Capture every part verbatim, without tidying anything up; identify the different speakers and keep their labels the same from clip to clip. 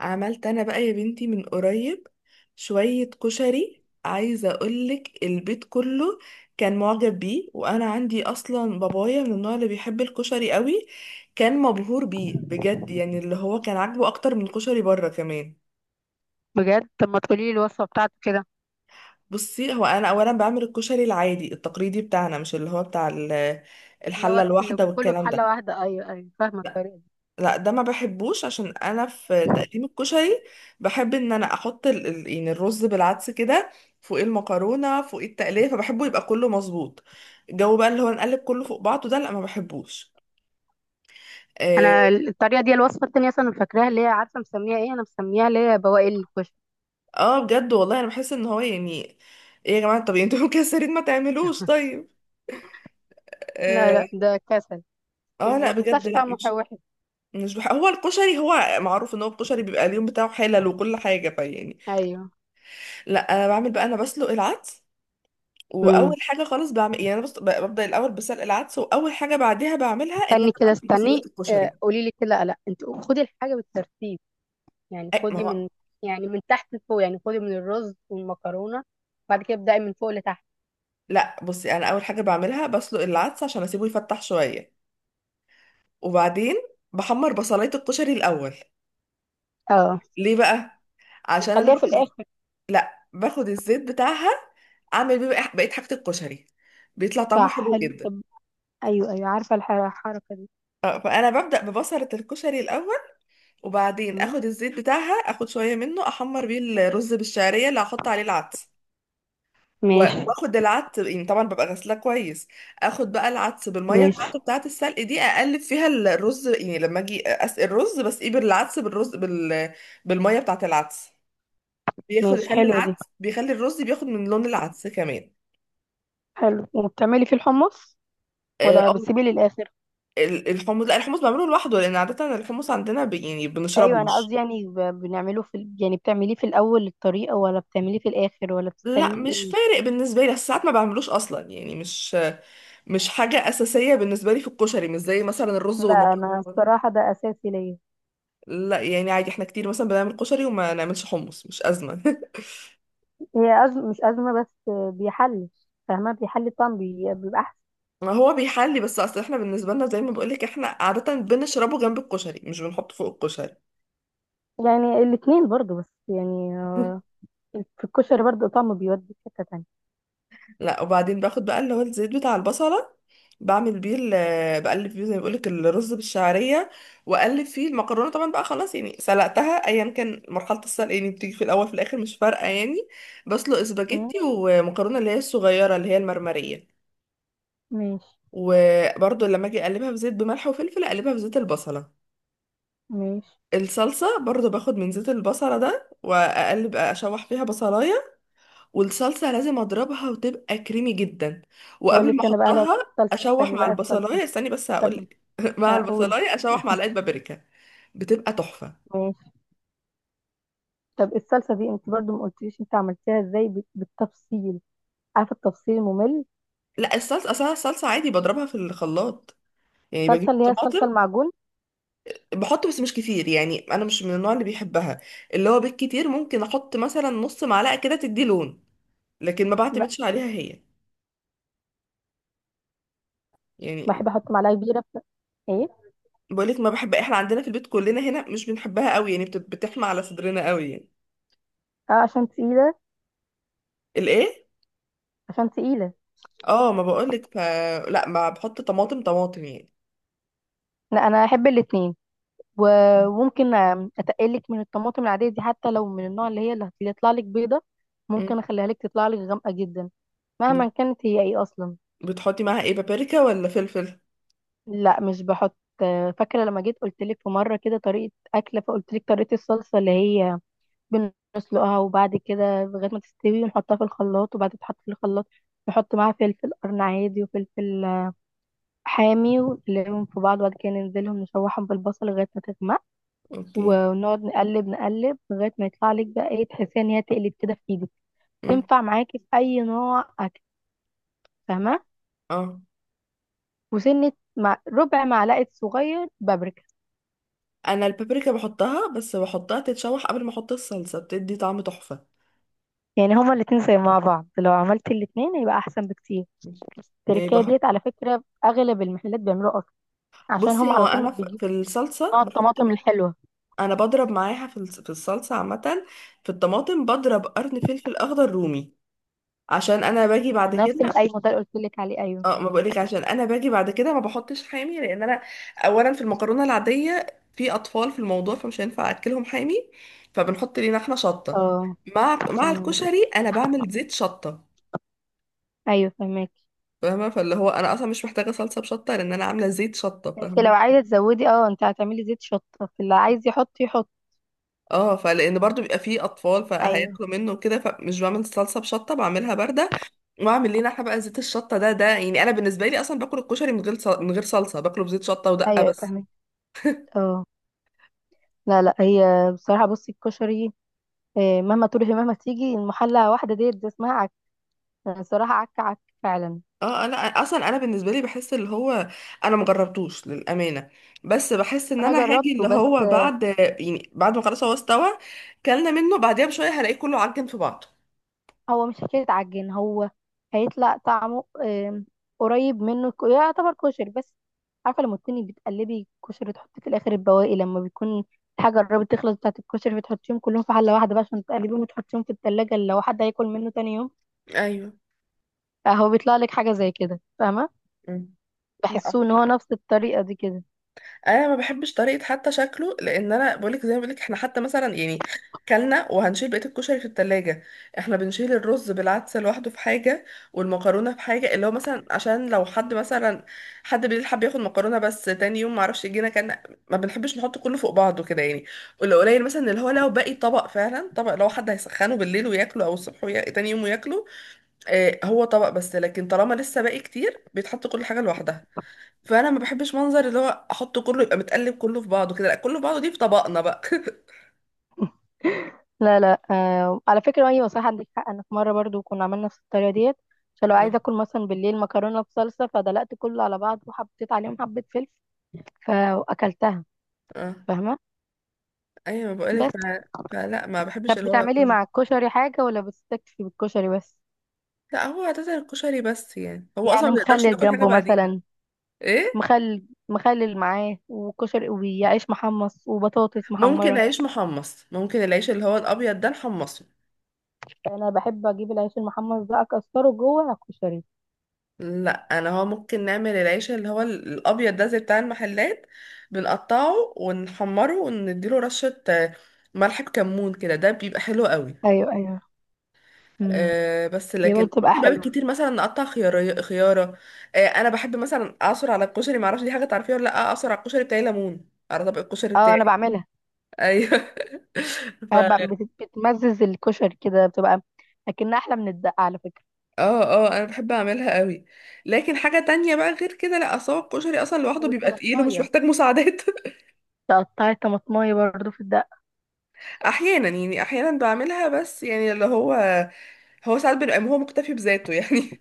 Speaker 1: عملت انا بقى يا بنتي من قريب شوية كشري، عايزة اقولك البيت كله كان معجب بيه. وانا عندي اصلا بابايا من النوع اللي بيحب الكشري قوي، كان مبهور بيه بجد. يعني اللي هو كان عاجبه اكتر من الكشري بره كمان.
Speaker 2: بجد. طب ما تقولي لي الوصفه بتاعته كده.
Speaker 1: بصي، هو انا اولا بعمل الكشري العادي التقليدي بتاعنا، مش اللي هو بتاع ال-
Speaker 2: اللي
Speaker 1: الحلة
Speaker 2: هو اللي
Speaker 1: الواحدة
Speaker 2: كله في
Speaker 1: والكلام
Speaker 2: حله
Speaker 1: ده.
Speaker 2: واحده، ايوه ايوه، فاهمه الطريقه دي.
Speaker 1: لا ده ما بحبوش، عشان انا في تقديم الكشري بحب ان انا احط ال... ال- يعني الرز بالعدس كده فوق المكرونه، فوق التقليه، فبحبه يبقى كله مظبوط. الجو بقى اللي هو نقلب كله فوق بعضه ده، لا ما بحبوش. اه.
Speaker 2: انا الطريقه دي الوصفه التانيه اصلا أنا فاكراها، اللي هي عارفه مسميها ايه؟ انا مسميها اللي هي بواقي الكشري.
Speaker 1: آه، بجد والله انا بحس ان هو يعني ايه يا جماعه. طب انتوا مكسرين ما تعملوش طيب.
Speaker 2: لا
Speaker 1: اه.
Speaker 2: لا ده كسل.
Speaker 1: آه،
Speaker 2: كل ما
Speaker 1: لا بجد
Speaker 2: بيطلعش
Speaker 1: لا
Speaker 2: طعمه
Speaker 1: مش.
Speaker 2: وحش.
Speaker 1: مش بح... هو الكشري هو معروف ان هو الكشري بيبقى اليوم بتاعه حلل وكل حاجه، فيعني
Speaker 2: ايوه.
Speaker 1: لا انا بعمل بقى، انا بسلق العدس. واول
Speaker 2: امم
Speaker 1: حاجه خالص بعمل، يعني انا بص... ب- ببدا الاول بسلق العدس، واول حاجه بعديها بعملها ان انا
Speaker 2: استني كده،
Speaker 1: بعمل بصلايه
Speaker 2: استني. آه،
Speaker 1: الكشري.
Speaker 2: قولي لي كده، لا انت خدي الحاجه بالترتيب. يعني
Speaker 1: أي ما
Speaker 2: خدي
Speaker 1: هو
Speaker 2: من يعني من تحت لفوق، يعني خدي من الرز والمكرونه، بعد كده ابدأي من فوق لتحت.
Speaker 1: لا بصي، انا اول حاجه بعملها بسلق العدس عشان اسيبه يفتح شويه. وبعدين بحمر بصلايه الكشري الاول.
Speaker 2: اه.
Speaker 1: ليه بقى؟ عشان انا
Speaker 2: وتخليها في
Speaker 1: باخد.
Speaker 2: الاخر.
Speaker 1: لا باخد الزيت بتاعها، اعمل بيه بقى- بقيه حاجه الكشري. بيطلع طعمه
Speaker 2: صح،
Speaker 1: حلو
Speaker 2: حلو.
Speaker 1: جدا.
Speaker 2: طب ايوه ايوه، عارفه الح- الحركه
Speaker 1: آه، فانا ببدا ببصله الكشري الاول. وبعدين
Speaker 2: دي.
Speaker 1: اخد الزيت بتاعها، اخد شويه منه احمر بيه الرز بالشعريه اللي هحط عليه العدس. و-
Speaker 2: ماشي.
Speaker 1: واخد العدس، يعني طبعا ببقى غسلاه كويس. اخد بقى العدس بالميه
Speaker 2: ماشي.
Speaker 1: بتاعته، بتاعه السلق دي، اقلب فيها الرز، يعني لما اجي اسقي الرز بس ايه، بالعدس بالرز بال... بالميه بتاعه العدس. بياخد
Speaker 2: ماشي،
Speaker 1: يخلي
Speaker 2: حلوة دي.
Speaker 1: العدس، بيخلي الرز بياخد من لون العدس كمان.
Speaker 2: حلو، وبتعملي فيه الحمص
Speaker 1: آه،
Speaker 2: ولا
Speaker 1: أو
Speaker 2: بتسيبيه للآخر؟
Speaker 1: ال- الحمص، لا الحمص بعمله لوحده، لان عاده الحمص عندنا ب... يعني بنشربه
Speaker 2: أيوة أنا
Speaker 1: مش.
Speaker 2: قصدي يعني ب- بنعمله في ال- يعني بتعمليه في الأول الطريقة، ولا بتعمليه في الآخر، ولا
Speaker 1: لا
Speaker 2: بتستنيه
Speaker 1: مش
Speaker 2: لإيه؟
Speaker 1: فارق بالنسبه لي، بس ساعات ما بعملوش اصلا، يعني مش مش حاجه اساسيه بالنسبه لي في الكشري، مش زي مثلا الرز
Speaker 2: لا أنا
Speaker 1: والمكرونه.
Speaker 2: الصراحة ده أساسي ليا.
Speaker 1: لا يعني عادي، احنا كتير مثلا بنعمل كشري وما نعملش حمص، مش أزمة.
Speaker 2: هي أزمة مش أزمة، بس بيحل. فاهمة، بيحل الطعم، بي- بيبقى أحسن.
Speaker 1: ما هو بيحلي، بس اصل احنا بالنسبة لنا زي ما بقولك، احنا عادة بنشربه جنب الكشري، مش بنحطه فوق الكشري.
Speaker 2: يعني الاتنين برضو، بس يعني في الكشري برضو طعمه بيودي في حتة تانية.
Speaker 1: لا، وبعدين باخد بقى اللي هو الزيت بتاع البصلة، بعمل بيه ال- بقلب فيه زي ما بقولك الرز بالشعرية. واقلب فيه المكرونة طبعا بقى، خلاص يعني سلقتها، ايا كان مرحلة السلق يعني، بتيجي في الاول في الاخر مش فارقة يعني. بسلق
Speaker 2: مم،
Speaker 1: اسباجيتي ومكرونة اللي هي الصغيرة اللي هي المرمرية.
Speaker 2: ماشي.
Speaker 1: وبرضو لما اجي اقلبها في زيت بملح وفلفل، اقلبها في زيت البصلة.
Speaker 2: ماشي.
Speaker 1: الصلصة برضو باخد من زيت البصلة ده، وأقلب أشوح فيها بصلاية. والصلصة لازم أضربها وتبقى كريمي جدا.
Speaker 2: أقول
Speaker 1: وقبل ما
Speaker 2: لك
Speaker 1: آه.
Speaker 2: أنا بقى على
Speaker 1: أحطها،
Speaker 2: الصلصة
Speaker 1: أشوح
Speaker 2: التانية
Speaker 1: مع
Speaker 2: بقى، الصلصة.
Speaker 1: البصلاية. استني بس
Speaker 2: طب
Speaker 1: هقولك. مع
Speaker 2: أقول.
Speaker 1: البصلاية أشوح معلقة بابريكا، بتبقى تحفة.
Speaker 2: طب الصلصه دي انت برضو ما قلتليش انت عملتيها ازاي، بت- بالتفصيل، عارفه التفصيل الممل.
Speaker 1: لا، الصلصة أصلا الصلصة عادي بضربها في الخلاط. يعني
Speaker 2: الصلصه
Speaker 1: بجيب
Speaker 2: اللي هي الصلصه
Speaker 1: الطماطم،
Speaker 2: المعجون.
Speaker 1: بحط بس مش كتير، يعني أنا مش من النوع اللي بيحبها. اللي هو بالكتير ممكن أحط مثلا نص معلقة كده تدي لون، لكن ما
Speaker 2: لا،
Speaker 1: بعتمدش عليها هي يعني.
Speaker 2: بحب احط معلقه كبيره ف- ايه.
Speaker 1: بقولك ما بحب، احنا عندنا في البيت كلنا هنا مش بنحبها قوي، يعني بت- بتحمى على صدرنا قوي يعني.
Speaker 2: اه، عشان تقيله.
Speaker 1: الايه؟
Speaker 2: عشان تقيله.
Speaker 1: اه ما بقولك ف. لا ما بحط طماطم طماطم يعني.
Speaker 2: لا انا احب الاتنين. وممكن اتقلك من الطماطم العاديه دي، حتى لو من النوع اللي هي اللي هتطلع لك بيضه،
Speaker 1: مم.
Speaker 2: ممكن اخليها لك تطلع لك غامقه جدا. مهما
Speaker 1: بت-
Speaker 2: كانت هي ايه اصلا.
Speaker 1: بتحطي معاها ايه، بابريكا ولا فلفل؟
Speaker 2: لا مش بحط. آه، فاكره لما جيت قلت لك في مره كده طريقه اكله، فقلت لك طريقه الصلصه اللي هي بنسلقها وبعد كده لغاية ما تستوي، ونحطها في الخلاط، وبعد ما تتحط في الخلاط نحط معاها فلفل قرن عادي وفلفل حامي، ونقلبهم في بعض، وبعد كده ننزلهم نشوحهم بالبصل لغاية ما تغمق،
Speaker 1: اوكي.
Speaker 2: ونقعد نقلب نقلب لغاية ما يطلع لك بقى ايه، تحسيها ان هي تقلب كده في ايدك.
Speaker 1: مم.
Speaker 2: تنفع معاكي في اي نوع اكل، فاهمة؟
Speaker 1: اه
Speaker 2: وسنة مع ربع معلقة صغير بابريكا.
Speaker 1: انا البابريكا بحطها، بس بحطها تتشوح قبل ما احط الصلصه، بتدي طعم تحفه.
Speaker 2: يعني هما الاتنين زي مع بعض، لو عملت الاتنين هيبقى احسن بكتير.
Speaker 1: يعني
Speaker 2: التركية
Speaker 1: بح...
Speaker 2: ديت على فكرة اغلب المحلات بيعملوها اصلا، عشان
Speaker 1: بصي،
Speaker 2: هم
Speaker 1: هو
Speaker 2: على طول
Speaker 1: انا
Speaker 2: مش
Speaker 1: ف-
Speaker 2: بيجيبوا
Speaker 1: في الصلصه
Speaker 2: نوع
Speaker 1: بحط،
Speaker 2: الطماطم الحلوة.
Speaker 1: انا بضرب معاها في الص- في الصلصه عامه، في الطماطم بضرب قرن فلفل اخضر رومي، عشان انا باجي بعد
Speaker 2: نفس
Speaker 1: كده.
Speaker 2: الايوه ده اللي قلت لك عليه، ايوه.
Speaker 1: اه ما بقولك، عشان انا باجي بعد كده ما بحطش حامي، لان انا اولا في المكرونه العاديه، في اطفال في الموضوع، فمش هينفع اكلهم حامي. فبنحط لينا احنا شطه،
Speaker 2: اه.
Speaker 1: مع مع
Speaker 2: أمم.
Speaker 1: الكشري انا بعمل زيت شطه.
Speaker 2: ايوه فهمك.
Speaker 1: فاهمه؟ فاللي هو انا اصلا مش محتاجه صلصه بشطه، لان انا عامله زيت شطه،
Speaker 2: انت لو
Speaker 1: فاهمه.
Speaker 2: عايزة تزودي، اه، انت هتعملي زيت شطة، اللي عايز يحط يحط.
Speaker 1: اه، فلان برضو بيبقى فيه اطفال
Speaker 2: ايوه،
Speaker 1: فهياكلوا منه كده، فمش بعمل صلصه بشطه، بعملها بارده. واعمل لينا احنا بقى زيت الشطه ده ده يعني انا بالنسبه لي اصلا باكل الكشري من غير صل- من غير صلصه، باكله بزيت شطه ودقه
Speaker 2: ايوه
Speaker 1: بس.
Speaker 2: فهمك. اه. لا لا، هي بصراحة بصي الكشري، آه، مهما تروحي مهما تيجي المحلة واحدة ديت دي اسمها عك. أنا بصراحة عك عك فعلا.
Speaker 1: اه انا اصلا، انا بالنسبه لي بحس اللي هو انا مجربتوش للامانه، بس بحس ان
Speaker 2: انا
Speaker 1: انا هاجي
Speaker 2: جربته
Speaker 1: اللي
Speaker 2: بس.
Speaker 1: هو بعد، يعني بعد ما خلاص هو استوى كلنا منه بعديها بشويه، هلاقيه كله عجن في بعضه.
Speaker 2: هو مش حكاية عجين، هو هيطلع طعمه آم، قريب منه، الك- يعتبر كشري بس. عارفة لما تكوني بتقلبي كشري تحطي في الآخر البواقي، لما بيكون الحاجة قربت تخلص بتاعة الكشري بتحطيهم كلهم في حلة واحدة بقى عشان تقلبيهم وتحطيهم في التلاجة لو حد هياكل منه تاني يوم.
Speaker 1: ايوه.
Speaker 2: فهو بيطلع لك حاجة زي كده، فاهمة؟
Speaker 1: مم. لا
Speaker 2: بحسه ان هو نفس الطريقة دي كده.
Speaker 1: انا ما بحبش طريقه حتى شكله، لان انا بقولك زي ما بقولك، احنا حتى مثلا يعني كلنا وهنشيل بقيه الكشري في التلاجة، احنا بنشيل الرز بالعدس لوحده في حاجه، والمكرونه في حاجه، اللي هو مثلا عشان لو حد مثلا حد بالليل حب ياخد مكرونه بس تاني يوم، معرفش يجينا كان. ما بنحبش نحط كله فوق بعضه كده يعني. واللي قليل مثلا، اللي هو لو باقي طبق فعلا طبق، لو حد هيسخنه بالليل وياكله او الصبح ويا... تاني يوم وياكله، آه هو طبق. بس لكن طالما لسه باقي كتير، بيتحط كل حاجه لوحدها. فانا ما بحبش منظر اللي هو احطه كله يبقى متقلب كله في بعضه كده. لا كله في بعضه دي في طبقنا بقى.
Speaker 2: لا لا، آه على فكرة، ايوه صح عندك حق. انا في مرة برضو كنا عملنا نفس الطريقة ديت، عشان لو عايزة اكل مثلا بالليل مكرونة بصلصة، فدلقت كله على بعض وحطيت عليهم حبة فلفل فاكلتها.
Speaker 1: اه.
Speaker 2: فاهمه.
Speaker 1: ايوه بقولك ف...
Speaker 2: بس.
Speaker 1: فلا ما بحبش
Speaker 2: طب
Speaker 1: اللي هو
Speaker 2: بتعملي
Speaker 1: كله.
Speaker 2: مع الكشري حاجه، ولا بتستكفي بالكشري بس؟
Speaker 1: لا هو عادة الكشري بس يعني، هو اصلا
Speaker 2: يعني
Speaker 1: ما بنقدرش
Speaker 2: مخلل
Speaker 1: ناكل حاجه
Speaker 2: جنبه
Speaker 1: بعديها.
Speaker 2: مثلا.
Speaker 1: ايه؟
Speaker 2: مخلل، مخلل معاه وكشري وعيش محمص وبطاطس
Speaker 1: ممكن
Speaker 2: محمره.
Speaker 1: عيش محمص، ممكن العيش اللي هو الابيض ده نحمصه.
Speaker 2: انا بحب اجيب العيش المحمص ده اكسره جوه على الكشري.
Speaker 1: لا انا هو ممكن نعمل العيش اللي هو ال- الابيض ده زي بتاع المحلات، بنقطعه ونحمره ونديله رشه آه، ملح بكمون كده، ده بيبقى حلو قوي.
Speaker 2: ايوه ايوه. امم.
Speaker 1: آه بس
Speaker 2: يبقى
Speaker 1: لكن
Speaker 2: بتبقى
Speaker 1: ممكن بقى
Speaker 2: حلوه.
Speaker 1: كتير مثلا نقطع خيار خياره. آه انا بحب مثلا اعصر على الكشري، معرفش دي حاجه تعرفيها ولا لا، اعصر على الكشري بتاعي ليمون، على طبق الكشري
Speaker 2: اه انا
Speaker 1: بتاعي.
Speaker 2: بعملها.
Speaker 1: ايوه. ف
Speaker 2: بحب أعمل- بت- بتمزز الكشري كده، بتبقى اكنها احلى من الدقه على فكره.
Speaker 1: اه اه انا بحب اعملها قوي. لكن حاجه تانية بقى غير كده لا، اصل هو الكشري اصلا لوحده بيبقى تقيل ومش
Speaker 2: والطماطمايه،
Speaker 1: محتاج مساعدات.
Speaker 2: تقطعي الطماطمايه برضو في الدقه.
Speaker 1: احيانا يعني، احيانا بعملها بس يعني اللي هو، هو ساعات بيبقى هو مكتفي بذاته يعني.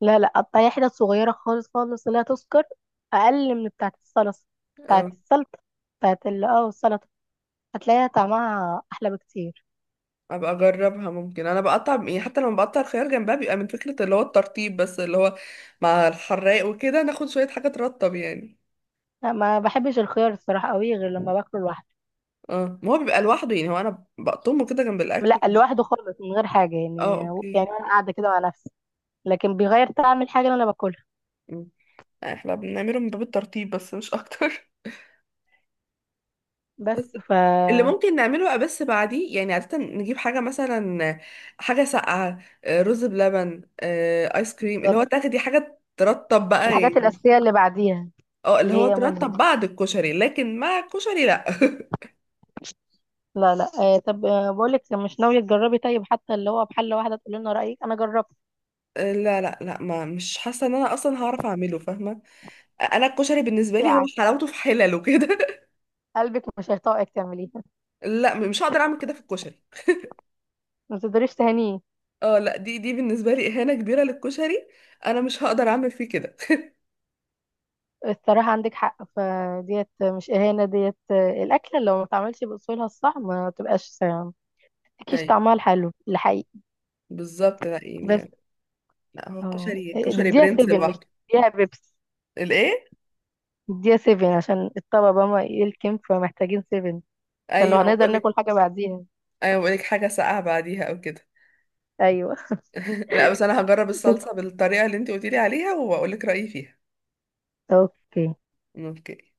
Speaker 2: لا لا، قطعيها حتت صغيرة خالص خالص لا تذكر، أقل من بتاعة الصلصة، بتاعة
Speaker 1: اه.
Speaker 2: السلطة، بتاعة ال اه السلطة، هتلاقيها طعمها أحلى بكتير.
Speaker 1: ابقى اجربها. ممكن انا بقطع يعني، حتى لما بقطع الخيار جنبها بيبقى من فكرة اللي هو الترطيب بس، اللي هو مع الحراق وكده ناخد شوية حاجة ترطب يعني.
Speaker 2: لا ما بحبش الخيار الصراحة قوي، غير لما باكله لوحده.
Speaker 1: اه ما هو بيبقى لوحده، يعني هو انا بقطمه كده جنب
Speaker 2: لا
Speaker 1: الاكل مش.
Speaker 2: لوحده خالص، من غير حاجة يعني،
Speaker 1: اه
Speaker 2: يعني
Speaker 1: اوكي.
Speaker 2: أنا قاعدة كده مع نفسي، لكن بيغير طعم الحاجة اللي أنا باكلها.
Speaker 1: مم. احنا بنعمله من باب الترطيب بس، مش اكتر. بس
Speaker 2: بس ف.
Speaker 1: اللي ممكن نعمله بقى بس بعديه، يعني عادة نجيب حاجة مثلا، حاجة ساقعة، آه، رز بلبن، آه، آيس كريم، اللي
Speaker 2: بالظبط،
Speaker 1: هو تاخدي حاجة ترطب بقى
Speaker 2: الحاجات
Speaker 1: يعني.
Speaker 2: الأساسية اللي بعديها،
Speaker 1: اه اللي
Speaker 2: اللي
Speaker 1: هو
Speaker 2: هي منها.
Speaker 1: ترطب بعد الكشري، لكن مع الكشري لا.
Speaker 2: لا لا، آه طب، آه بقولك مش ناوية تجربي طيب، حتى اللي هو بحلة واحدة تقولي لنا رأيك، أنا جربت.
Speaker 1: لا لا لا، ما مش حاسه ان انا اصلا هعرف اعمله، فاهمه. انا الكشري بالنسبه لي هو
Speaker 2: بتاعك.
Speaker 1: حلاوته في حلله كده.
Speaker 2: قلبك مش هيطاقك تعمليه.
Speaker 1: لا مش هقدر اعمل كده في الكشري.
Speaker 2: ما تقدريش تهانيه.
Speaker 1: اه لا، دي دي بالنسبه لي اهانه كبيره للكشري، انا مش هقدر اعمل فيه كده.
Speaker 2: الصراحة عندك حق، فديت مش إهانة، ديت الأكلة لو ما اتعملتش بأصولها الصح ما تبقاش متكيش
Speaker 1: ايوه
Speaker 2: طعمها الحلو الحقيقي.
Speaker 1: بالظبط، لا
Speaker 2: بس.
Speaker 1: يعني لا، هو
Speaker 2: اه،
Speaker 1: الكشري الكشري
Speaker 2: نديها
Speaker 1: برنس
Speaker 2: سيفن، مش
Speaker 1: لوحده.
Speaker 2: نديها بيبس،
Speaker 1: الايه؟
Speaker 2: نديها سيفن عشان الطبق بقى ما يلكم، فمحتاجين سيفن عشان لو
Speaker 1: ايوه
Speaker 2: هنقدر
Speaker 1: بقول لك.
Speaker 2: ناكل حاجة بعديها.
Speaker 1: ايوه بقول لك حاجه ساقعه بعديها او كده.
Speaker 2: أيوه.
Speaker 1: لا بس انا هجرب الصلصه بالطريقه اللي انت قلتي لي عليها، وبقول لك رايي فيها.
Speaker 2: أوكي.
Speaker 1: اوكي.